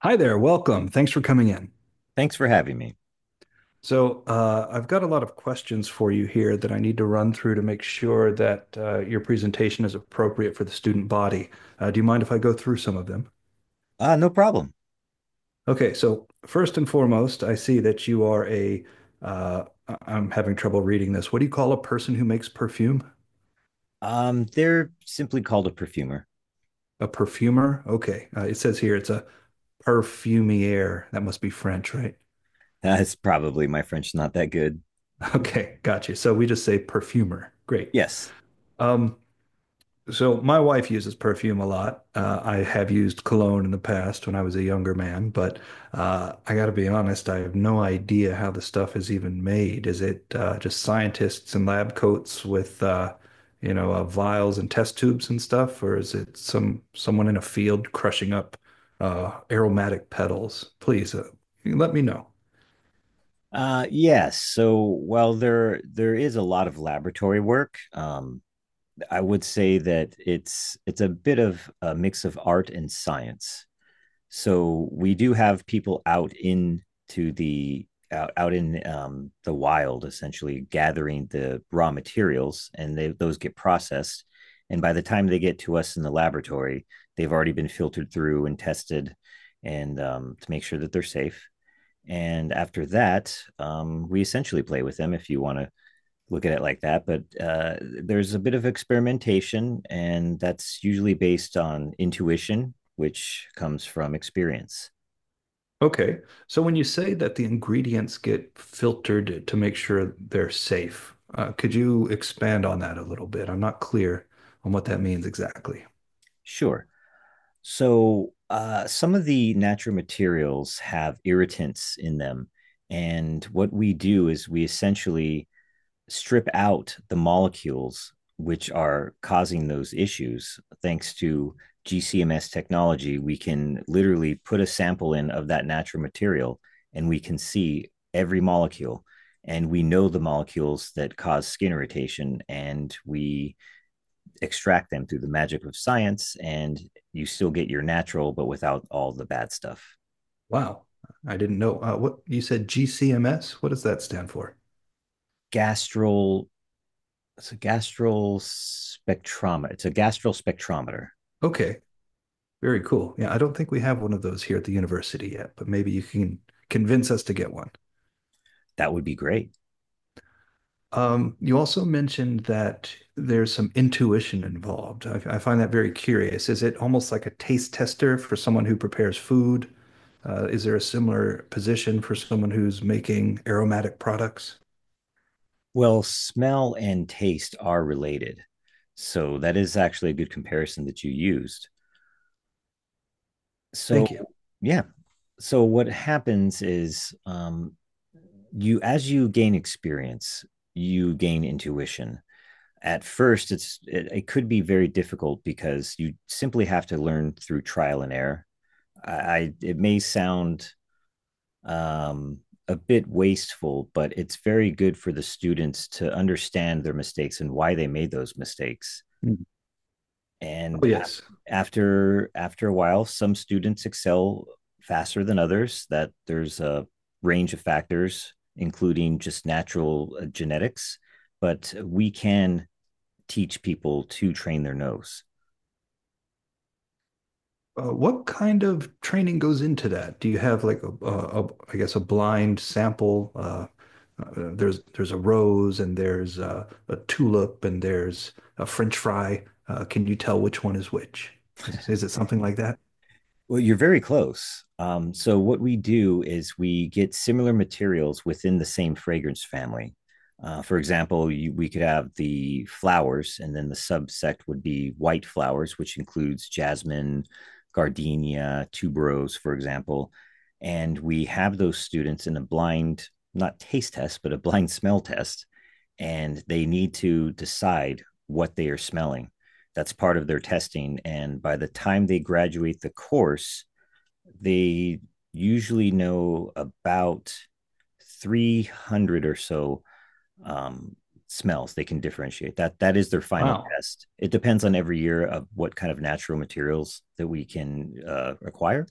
Hi there, welcome. Thanks for coming in. Thanks for having me. So, I've got a lot of questions for you here that I need to run through to make sure that your presentation is appropriate for the student body. Do you mind if I go through some of them? No problem. Okay, so first and foremost, I see that you are a, am having trouble reading this. What do you call a person who makes perfume? They're simply called a perfumer. A perfumer? Okay, it says here it's a perfumier. That must be French, right? That's probably my French not that good. Okay, got you. So we just say perfumer. Great. Yes. Um, So my wife uses perfume a lot. I have used cologne in the past when I was a younger man, but I got to be honest, I have no idea how the stuff is even made. Is it just scientists in lab coats with vials and test tubes and stuff, or is it someone in a field crushing up aromatic petals? Please let me know. Yes. So while there is a lot of laboratory work, I would say that it's a bit of a mix of art and science. So we do have people to the out in the wild, essentially gathering the raw materials, and those get processed, and by the time they get to us in the laboratory, they've already been filtered through and tested and to make sure that they're safe. And after that we essentially play with them, if you want to look at it like that, but there's a bit of experimentation, and that's usually based on intuition, which comes from experience. Okay. So when you say that the ingredients get filtered to make sure they're safe, could you expand on that a little bit? I'm not clear on what that means exactly. Sure. So some of the natural materials have irritants in them, and what we do is we essentially strip out the molecules which are causing those issues thanks to GCMS technology. We can literally put a sample in of that natural material and we can see every molecule. And we know the molecules that cause skin irritation, and we extract them through the magic of science. And you still get your natural, but without all the bad stuff. Wow. I didn't know. What you said GCMS? What does that stand for? Gastral, It's a gastral spectrometer. Okay. Very cool. Yeah, I don't think we have one of those here at the university yet, but maybe you can convince us to get one. That would be great. You also mentioned that there's some intuition involved. I find that very curious. Is it almost like a taste tester for someone who prepares food? Is there a similar position for someone who's making aromatic products? Well, smell and taste are related. So that is actually a good comparison that you used. So, Thank you. yeah. So what happens is you, as you gain experience, you gain intuition. At first it could be very difficult because you simply have to learn through trial and error. I it may sound um a bit wasteful, but it's very good for the students to understand their mistakes and why they made those mistakes. Mm. And Oh, af- yes. after After a while, some students excel faster than others. That there's a range of factors, including just natural genetics, but we can teach people to train their nose. What kind of training goes into that? Do you have like a I guess a blind sample? There's a rose and there's a tulip and there's a French fry. Can you tell which one is which? Is it something like that? Well, you're very close. So what we do is we get similar materials within the same fragrance family. For example, we could have the flowers, and then the subsect would be white flowers, which includes jasmine, gardenia, tuberose, for example. And we have those students in a blind, not taste test, but a blind smell test. And they need to decide what they are smelling. That's part of their testing. And by the time they graduate the course, they usually know about 300 or so um, smells they can differentiate. That is their final Wow. test. It depends on every year of what kind of natural materials that we can acquire,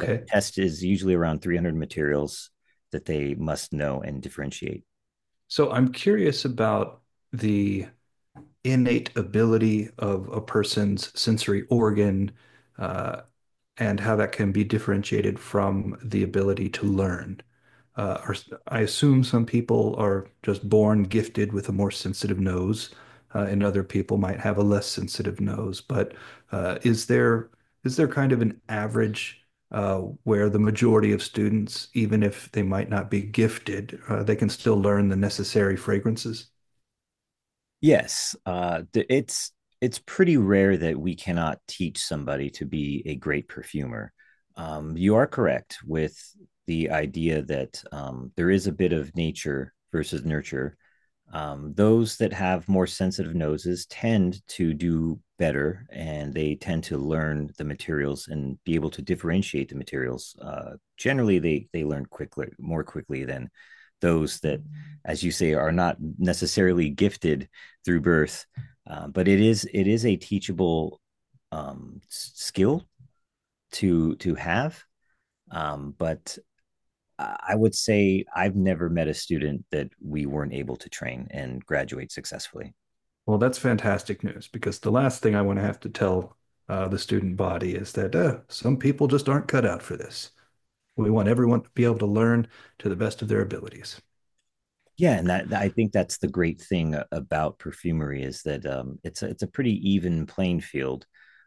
but the test is usually around 300 materials that they must know and differentiate. So I'm curious about the innate ability of a person's sensory organ uh, and how that can be differentiated from the ability to learn. Uh, or, I assume some people are just born gifted with a more sensitive nose, and other people might have a less sensitive nose. But is there kind of an average uh, where the majority of students, even if they might not be gifted, they can still learn the necessary fragrances? Yes, it's pretty rare that we cannot teach somebody to be a great perfumer. You are correct with the idea that there is a bit of nature versus nurture. Those that have more sensitive noses tend to do better, and they tend to learn the materials and be able to differentiate the materials. Generally, they learn quickly, more quickly than those that, as you say, are not necessarily gifted through birth. But it is a teachable um, skill to have. But I would say I've never met a student that we weren't able to train and graduate successfully. Well, that's fantastic news because the last thing I want to have to tell the student body is that some people just aren't cut out for this. We want everyone to be able to learn to the best of their abilities. Yeah, and that I think that's the great thing about perfumery is that it's a pretty even playing field.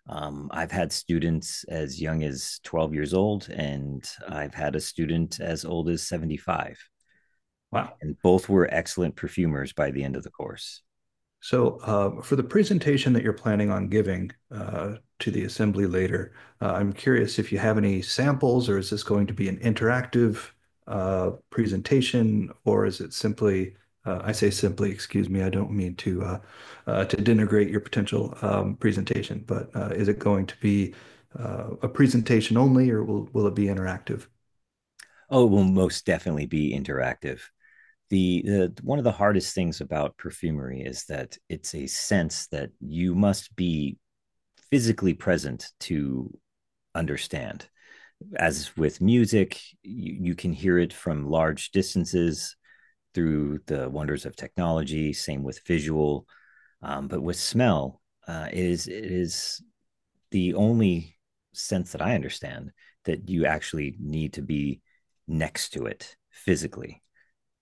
I've had students as young as 12 years old, and I've had a student as old as 75. Wow. And both were excellent perfumers by the end of the course. So for the presentation that you're planning on giving to the assembly later, I'm curious if you have any samples, or is this going to be an interactive presentation, or is it simply, I say simply, excuse me, I don't mean to denigrate your potential presentation, but is it going to be a presentation only, or will it be interactive? Oh, it will most definitely be interactive. The one of the hardest things about perfumery is that it's a sense that you must be physically present to understand. As with music, you can hear it from large distances through the wonders of technology. Same with visual, but with smell, it is the only sense that I understand that you actually need to be next to it physically,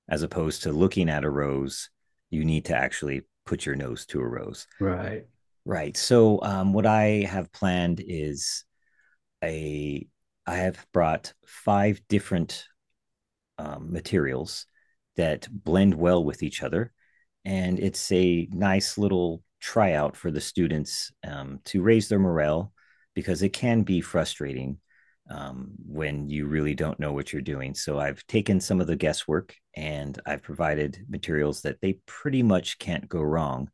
as opposed to looking at a rose. You need to actually put your nose to a rose. Right. Right. So, what I have planned is a, I have brought 5 different materials that blend well with each other. And it's a nice little tryout for the students to raise their morale because it can be frustrating when you really don't know what you're doing. So I've taken some of the guesswork and I've provided materials that they pretty much can't go wrong.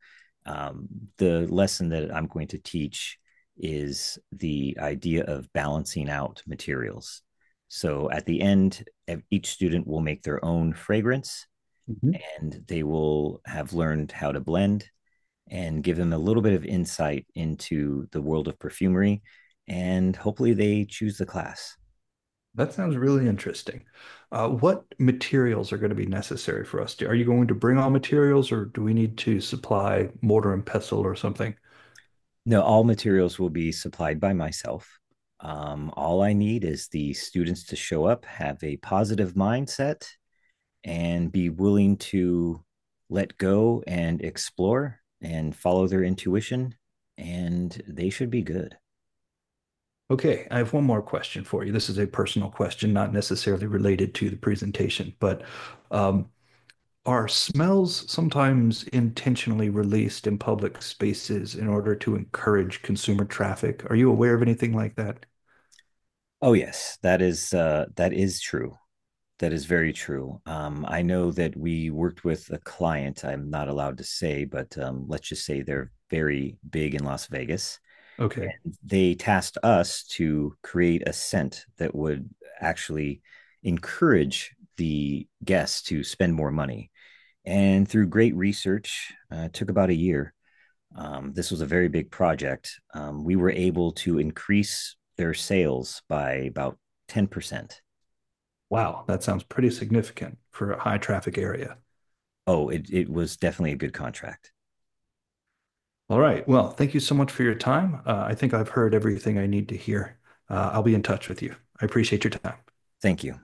Um, the lesson that I'm going to teach is the idea of balancing out materials. So at the end, each student will make their own fragrance, Mhm. and they will have learned how to blend and give them a little bit of insight into the world of perfumery. And hopefully they choose the class. That sounds really interesting. What materials are going to be necessary for us? Are you going to bring all materials, or do we need to supply mortar and pestle or something? No, all materials will be supplied by myself. All I need is the students to show up, have a positive mindset, and be willing to let go and explore and follow their intuition. And they should be good. Okay, I have one more question for you. This is a personal question, not necessarily related to the presentation, but um, are smells sometimes intentionally released in public spaces in order to encourage consumer traffic? Are you aware of anything like that? Oh yes, that is true. That is very true. I know that we worked with a client. I'm not allowed to say, but let's just say they're very big in Las Vegas. Okay, They tasked us to create a scent that would actually encourage the guests to spend more money. And through great research, it took about a year. This was a very big project. We were able to increase their sales by about 10%. wow, that sounds pretty significant for a high traffic area. Oh, it was definitely a good contract. All right. Well, thank you so much for your time. I think I've heard everything I need to hear. I'll be in touch with you. I appreciate your time. Thank you.